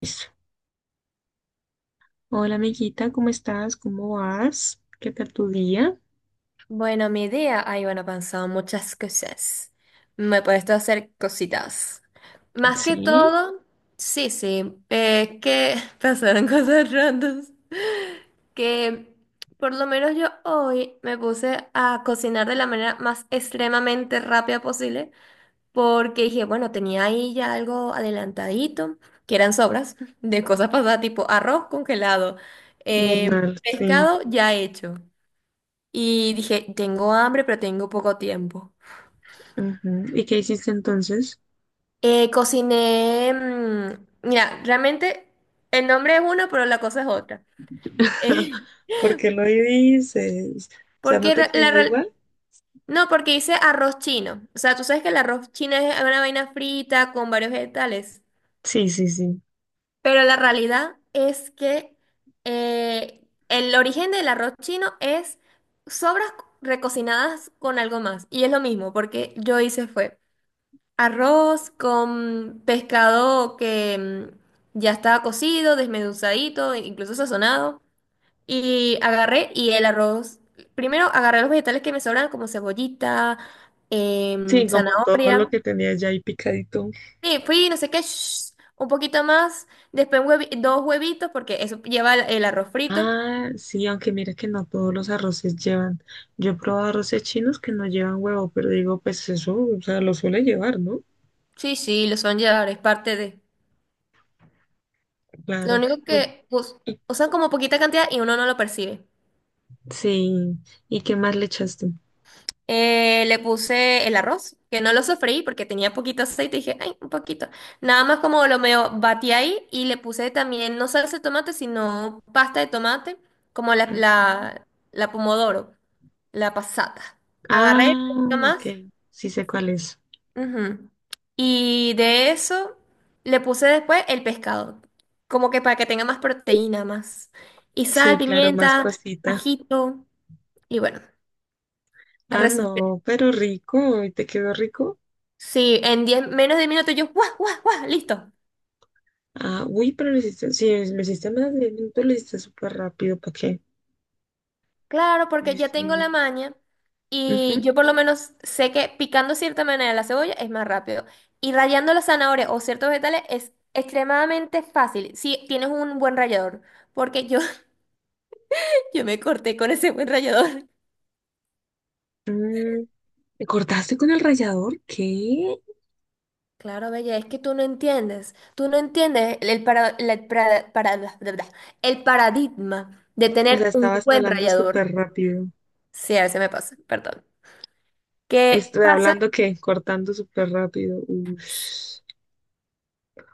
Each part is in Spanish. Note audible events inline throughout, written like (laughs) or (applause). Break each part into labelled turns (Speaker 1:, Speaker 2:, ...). Speaker 1: Eso. Hola amiguita, ¿cómo estás? ¿Cómo vas? ¿Qué tal tu día?
Speaker 2: Bueno, mi día, ay, bueno, he pensado muchas cosas. Me he puesto a hacer cositas. Más que
Speaker 1: Sí,
Speaker 2: todo, sí, sí, que (laughs) pasaron cosas randoms. Que por lo menos yo hoy me puse a cocinar de la manera más extremadamente rápida posible, porque dije, bueno, tenía ahí ya algo adelantadito, que eran sobras de cosas pasadas, tipo arroz congelado,
Speaker 1: normal, sí.
Speaker 2: pescado ya hecho. Y dije, tengo hambre, pero tengo poco tiempo.
Speaker 1: Ujú. ¿Y qué hiciste entonces?
Speaker 2: Cociné, mira, realmente el nombre es uno, pero la cosa es otra. Eh,
Speaker 1: ¿Por qué lo dices? O
Speaker 2: (laughs)
Speaker 1: sea, ¿no
Speaker 2: porque
Speaker 1: te
Speaker 2: ra- la,
Speaker 1: quedó
Speaker 2: real-
Speaker 1: igual?
Speaker 2: No, porque hice arroz chino. O sea, tú sabes que el arroz chino es una vaina frita con varios vegetales.
Speaker 1: Sí, sí, sí.
Speaker 2: Pero la realidad es que el origen del arroz chino es sobras recocinadas con algo más. Y es lo mismo, porque yo hice fue. Arroz con pescado que ya estaba cocido, desmenuzadito, incluso sazonado. Y agarré y el arroz. Primero agarré los vegetales que me sobran, como cebollita,
Speaker 1: Sí, como todo lo
Speaker 2: zanahoria.
Speaker 1: que tenía ya ahí picadito.
Speaker 2: Sí, fui, no sé qué, shh, un poquito más. Después dos huevitos, porque eso lleva el arroz frito.
Speaker 1: Ah, sí, aunque mira que no todos los arroces llevan. Yo he probado arroces chinos que no llevan huevo, pero digo, pues eso, o sea, lo suele llevar, ¿no?
Speaker 2: Sí, sí, lo son llevar, es parte de. Lo
Speaker 1: Claro.
Speaker 2: único
Speaker 1: Bueno,
Speaker 2: que
Speaker 1: y,
Speaker 2: usan como poquita cantidad y uno no lo percibe.
Speaker 1: sí. ¿Y qué más le echaste?
Speaker 2: Le puse el arroz, que no lo sofreí porque tenía poquito aceite, dije, ay, un poquito. Nada más como lo medio batí ahí y le puse también, no salsa de tomate, sino pasta de tomate, como la pomodoro, la pasata. Agarré un
Speaker 1: Ah,
Speaker 2: poquito
Speaker 1: ok.
Speaker 2: más,
Speaker 1: Sí sé cuál es.
Speaker 2: ujú, y de eso le puse después el pescado, como que para que tenga más proteína, más. Y sal,
Speaker 1: Sí, claro, más
Speaker 2: pimienta,
Speaker 1: pasita.
Speaker 2: ajito y bueno,
Speaker 1: Ah, no, pero rico. ¿Y te quedó rico?
Speaker 2: sí, en 10 menos de 10 minutos yo, guau, guau, guau, listo.
Speaker 1: Ah, uy, pero lo hiciste, sí, lo hiciste más de minutos, lo hiciste súper rápido, ¿para qué?
Speaker 2: Claro, porque
Speaker 1: Sí,
Speaker 2: ya tengo la
Speaker 1: sí.
Speaker 2: maña y
Speaker 1: Ujú.
Speaker 2: yo por lo menos sé que picando cierta manera la cebolla es más rápido. Y rallando las zanahorias o ciertos vegetales es extremadamente fácil si tienes un buen rallador, porque yo, (laughs) yo me corté con ese buen rallador.
Speaker 1: Mm, ¿Te cortaste con el rallador? ¿Qué?
Speaker 2: Claro, Bella, es que tú no entiendes el, para, la- para- bla, bla, bla, el paradigma de
Speaker 1: O sea,
Speaker 2: tener un
Speaker 1: estabas
Speaker 2: buen
Speaker 1: hablando súper
Speaker 2: rallador.
Speaker 1: rápido.
Speaker 2: Sí, a veces me pasa, perdón. ¿Qué
Speaker 1: Estoy
Speaker 2: pasa?
Speaker 1: hablando que cortando súper rápido. Ush.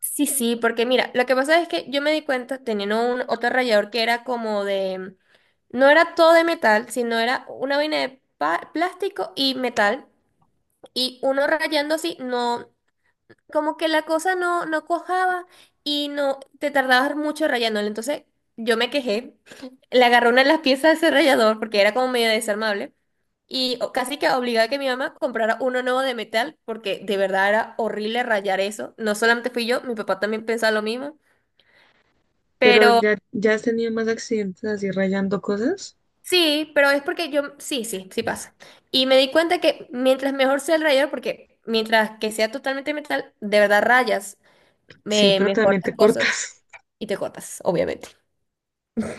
Speaker 2: Sí, sí, porque mira, lo que pasa es que yo me di cuenta teniendo un otro rallador que era como de, no era todo de metal, sino era una vaina de plástico y metal, y uno rayando así, no, como que la cosa no, no cuajaba y no, te tardabas mucho rayándolo, entonces yo me quejé, (laughs) le agarré una de las piezas de ese rallador porque era como medio desarmable. Y casi que obligaba a que mi mamá comprara uno nuevo de metal porque de verdad era horrible rayar eso. No solamente fui yo, mi papá también pensaba lo mismo.
Speaker 1: Pero
Speaker 2: Pero
Speaker 1: ya has tenido más accidentes así rayando cosas.
Speaker 2: sí, pero es porque yo, sí, sí, sí pasa. Y me di cuenta que mientras mejor sea el rayador, porque mientras que sea totalmente metal, de verdad rayas,
Speaker 1: Sí,
Speaker 2: me
Speaker 1: pero
Speaker 2: mejor
Speaker 1: también
Speaker 2: las
Speaker 1: te
Speaker 2: cosas
Speaker 1: cortas.
Speaker 2: y te cortas, obviamente.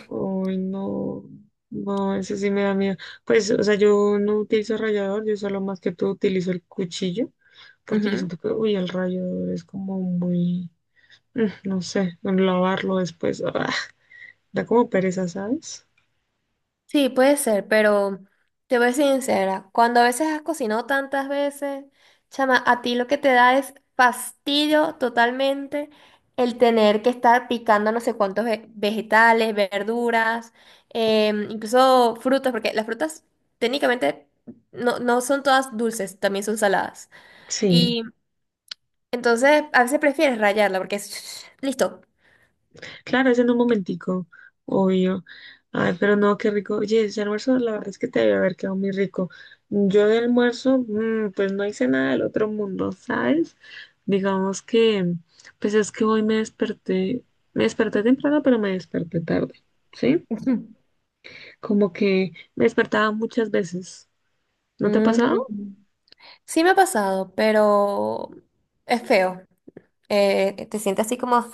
Speaker 1: Uy, no, no, ese sí me da miedo. Pues, o sea, yo no utilizo rallador, yo solo más que todo utilizo el cuchillo, porque yo
Speaker 2: Ujú.
Speaker 1: siento que, uy, el rallador es como muy, mm, no sé, lavarlo después, ah, da como pereza, ¿sabes?
Speaker 2: Sí, puede ser, pero te voy a ser sincera, cuando a veces has cocinado tantas veces, chama, a ti lo que te da es fastidio totalmente el tener que estar picando no sé cuántos vegetales, verduras, incluso frutas, porque las frutas técnicamente no, no son todas dulces, también son saladas.
Speaker 1: Sí.
Speaker 2: Y entonces a veces prefieres rayarla porque es (sniffs) listo.
Speaker 1: Claro, es en un momentico, obvio. Ay, pero no, qué rico. Oye, ese almuerzo, la verdad es que te debe haber quedado muy rico. Yo de almuerzo, mm, pues no hice nada del otro mundo, ¿sabes? Digamos que, pues es que hoy me desperté temprano, pero me desperté tarde, ¿sí?
Speaker 2: (laughs)
Speaker 1: Como que me despertaba muchas veces. ¿No te ha pasado?
Speaker 2: Mm. Sí me ha pasado, pero es feo. Te sientes así como,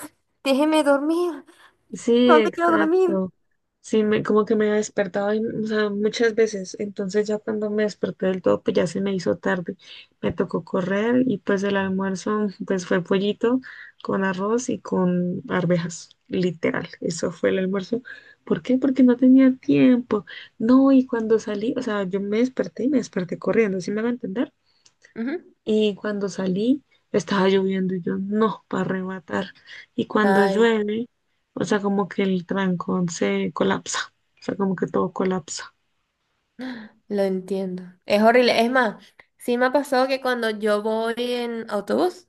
Speaker 2: déjeme dormir,
Speaker 1: Sí,
Speaker 2: ¿dónde quiero dormir?
Speaker 1: exacto. Sí, como que me despertaba, y, o sea, muchas veces. Entonces ya cuando me desperté del todo, pues ya se me hizo tarde. Me tocó correr y pues el almuerzo, pues fue pollito con arroz y con arvejas, literal. Eso fue el almuerzo. ¿Por qué? Porque no tenía tiempo. No, y cuando salí, o sea, yo me desperté y me desperté corriendo, ¿sí me van a entender?
Speaker 2: Ujú.
Speaker 1: Y cuando salí, estaba lloviendo y yo, no, para arrebatar. Y cuando
Speaker 2: Ay,
Speaker 1: llueve, o sea, como que el trancón se colapsa, o sea, como que todo colapsa.
Speaker 2: lo entiendo. Es horrible. Es más, sí me ha pasado que cuando yo voy en autobús,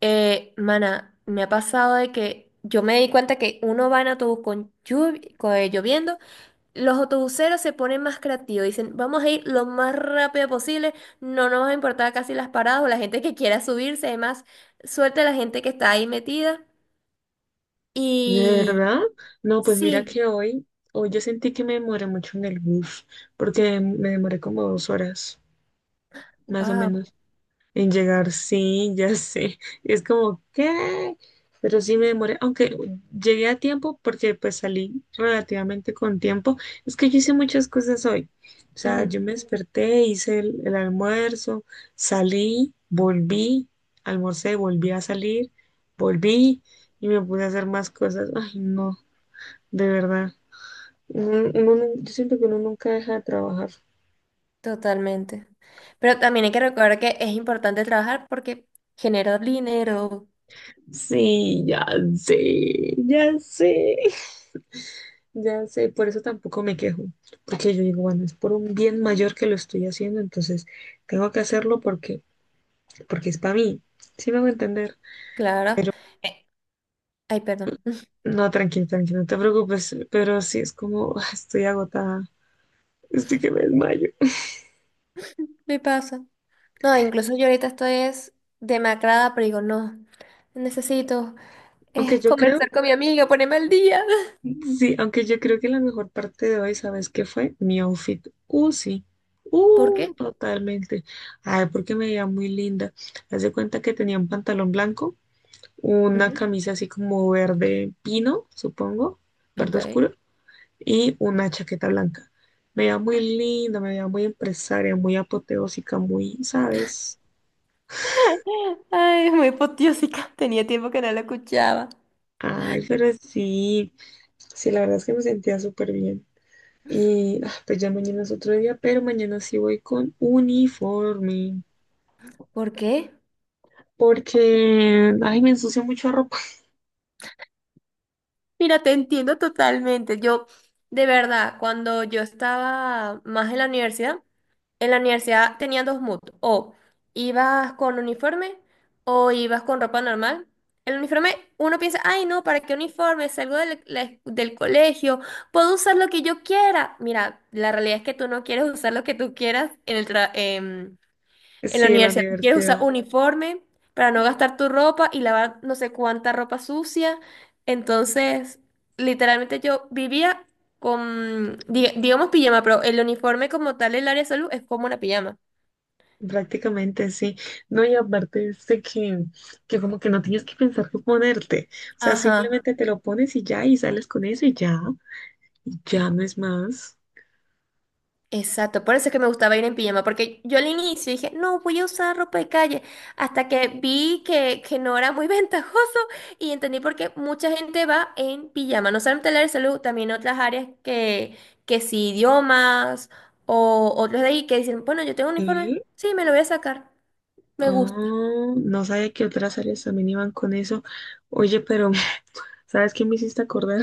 Speaker 2: mana, me ha pasado de que yo me di cuenta que uno va en autobús con lloviendo, los autobuseros se ponen más creativos, dicen, vamos a ir lo más rápido posible, no nos va a importar casi las paradas o la gente que quiera subirse, además, suerte a la gente que está ahí metida.
Speaker 1: ¿De
Speaker 2: Y
Speaker 1: verdad? No, pues mira
Speaker 2: sí.
Speaker 1: que hoy, hoy yo sentí que me demoré mucho en el bus, porque me demoré como 2 horas, más o
Speaker 2: Wow,
Speaker 1: menos. En llegar, sí, ya sé. Es como, ¿qué? Pero sí me demoré, aunque llegué a tiempo porque pues salí relativamente con tiempo. Es que yo hice muchas cosas hoy. O sea,
Speaker 2: ujú,
Speaker 1: yo me desperté, hice el almuerzo, salí, volví, almorcé, volví a salir, volví y me puse a hacer más cosas. Ay, no, de verdad. Yo siento que uno nunca deja de trabajar.
Speaker 2: totalmente. Pero también hay que recordar que es importante trabajar porque genera dinero,
Speaker 1: Sí, ya sé. Ya sé, por eso tampoco me quejo, porque yo digo, bueno, es por un bien mayor que lo estoy haciendo, entonces tengo que hacerlo porque, porque es para mí, sí me hago entender,
Speaker 2: claro.
Speaker 1: pero
Speaker 2: Eh, Ay, perdón,
Speaker 1: no, tranquilo, tranquilo, no te preocupes, pero sí es como, ah, estoy agotada, estoy que me desmayo.
Speaker 2: (laughs) me pasa. No, incluso yo ahorita estoy es demacrada, pero digo, no, necesito
Speaker 1: Aunque yo creo,
Speaker 2: conversar con mi amiga, ponerme al día. (laughs)
Speaker 1: sí, Aunque yo creo que la mejor parte de hoy, ¿sabes qué fue? Mi outfit, sí,
Speaker 2: ¿Por qué?
Speaker 1: totalmente, ay, porque me veía muy linda, haz de cuenta que tenía un pantalón blanco, una
Speaker 2: Ujú,
Speaker 1: camisa así como verde pino, supongo, verde
Speaker 2: ok.
Speaker 1: oscuro, y una chaqueta blanca. Me veía muy linda, me veía muy empresaria, muy apoteósica, muy, ¿sabes?
Speaker 2: (laughs) Ay, muy potiósica. (laughs) Tenía tiempo que no la escuchaba.
Speaker 1: Ay, pero sí, sí, la verdad es que me sentía súper bien. Y ah, pues ya mañana es otro día, pero mañana sí voy con uniforme,
Speaker 2: ¿Por qué?
Speaker 1: porque, ay, me ensucio mucha ropa. (laughs)
Speaker 2: Mira, te entiendo totalmente. Yo, de verdad, cuando yo estaba más en la universidad, en la universidad tenían dos moods, o ibas con uniforme o ibas con ropa normal. El uniforme, uno piensa, ay no, ¿para qué uniforme? Salgo del colegio, puedo usar lo que yo quiera. Mira, la realidad es que tú no quieres usar lo que tú quieras en el trabajo. En la
Speaker 1: Sí, en la
Speaker 2: universidad tú quieres usar
Speaker 1: universidad.
Speaker 2: uniforme para no gastar tu ropa y lavar no sé cuánta ropa sucia. Entonces, literalmente yo vivía con, digamos, pijama, pero el uniforme como tal, el área de salud es como una pijama.
Speaker 1: Prácticamente sí. No, y aparte este que como que no tienes que pensar qué ponerte. O sea,
Speaker 2: Ajá.
Speaker 1: simplemente te lo pones y ya, y sales con eso y ya. Y ya no es más.
Speaker 2: Exacto, por eso es que me gustaba ir en pijama, porque yo al inicio dije, no, voy a usar ropa de calle, hasta que vi que no era muy (laughs) ventajoso y entendí por qué mucha gente va en pijama, no solamente el área de salud, también otras áreas que sí, idiomas o otros de ahí que dicen, bueno, yo tengo un uniforme,
Speaker 1: Sí.
Speaker 2: sí, me lo voy a sacar, me gusta.
Speaker 1: Ah, no sabía que otras áreas también iban con eso. Oye, pero (laughs) ¿sabes qué me hiciste acordar?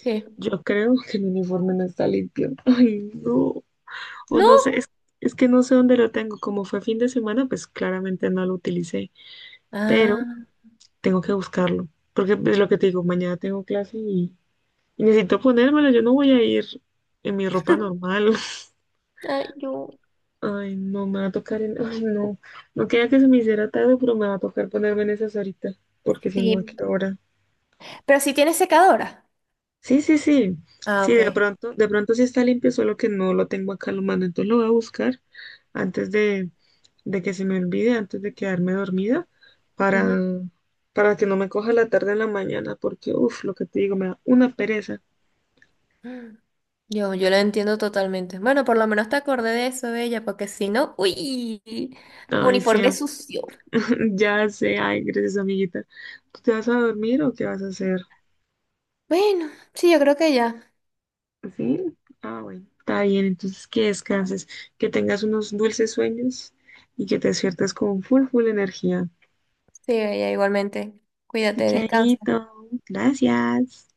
Speaker 2: ¿Qué?
Speaker 1: Yo creo que el uniforme no está limpio. (laughs) Ay, no. O
Speaker 2: ¿No?
Speaker 1: no sé, es que no sé dónde lo tengo. Como fue fin de semana, pues claramente no lo utilicé. Pero
Speaker 2: Ah,
Speaker 1: tengo que buscarlo, porque es lo que te digo, mañana tengo clase y necesito ponérmelo, yo no voy a ir en mi ropa
Speaker 2: (laughs)
Speaker 1: normal.
Speaker 2: ay, yo.
Speaker 1: (laughs) Ay, no, me va a tocar en... Ay, no, no quería que se me hiciera tarde, pero me va a tocar ponerme en esas ahorita, porque si no, ¿a
Speaker 2: Sí,
Speaker 1: qué hora?
Speaker 2: pero si tienes secadora.
Speaker 1: Sí, sí, sí,
Speaker 2: Ah,
Speaker 1: sí,
Speaker 2: ok.
Speaker 1: de pronto sí está limpio, solo que no lo tengo acá a la mano, entonces lo voy a buscar antes de que se me olvide, antes de quedarme dormida, para, para que no me coja la tarde en la mañana, porque, uff, lo que te digo, me da una pereza.
Speaker 2: Yo la entiendo totalmente. Bueno, por lo menos te acordé de eso, Bella, porque si no, uy,
Speaker 1: Ay, sí,
Speaker 2: uniforme sucio.
Speaker 1: (laughs) ya sé, ay, gracias, amiguita. ¿Tú te vas a dormir o qué vas a hacer?
Speaker 2: Bueno, sí, yo creo que ya.
Speaker 1: ¿Sí? Ah, bueno, está bien, entonces que descanses, que tengas unos dulces sueños y que te despiertes con full, full energía.
Speaker 2: Sí, Bella, igualmente. Cuídate, descansa.
Speaker 1: Chaito, gracias.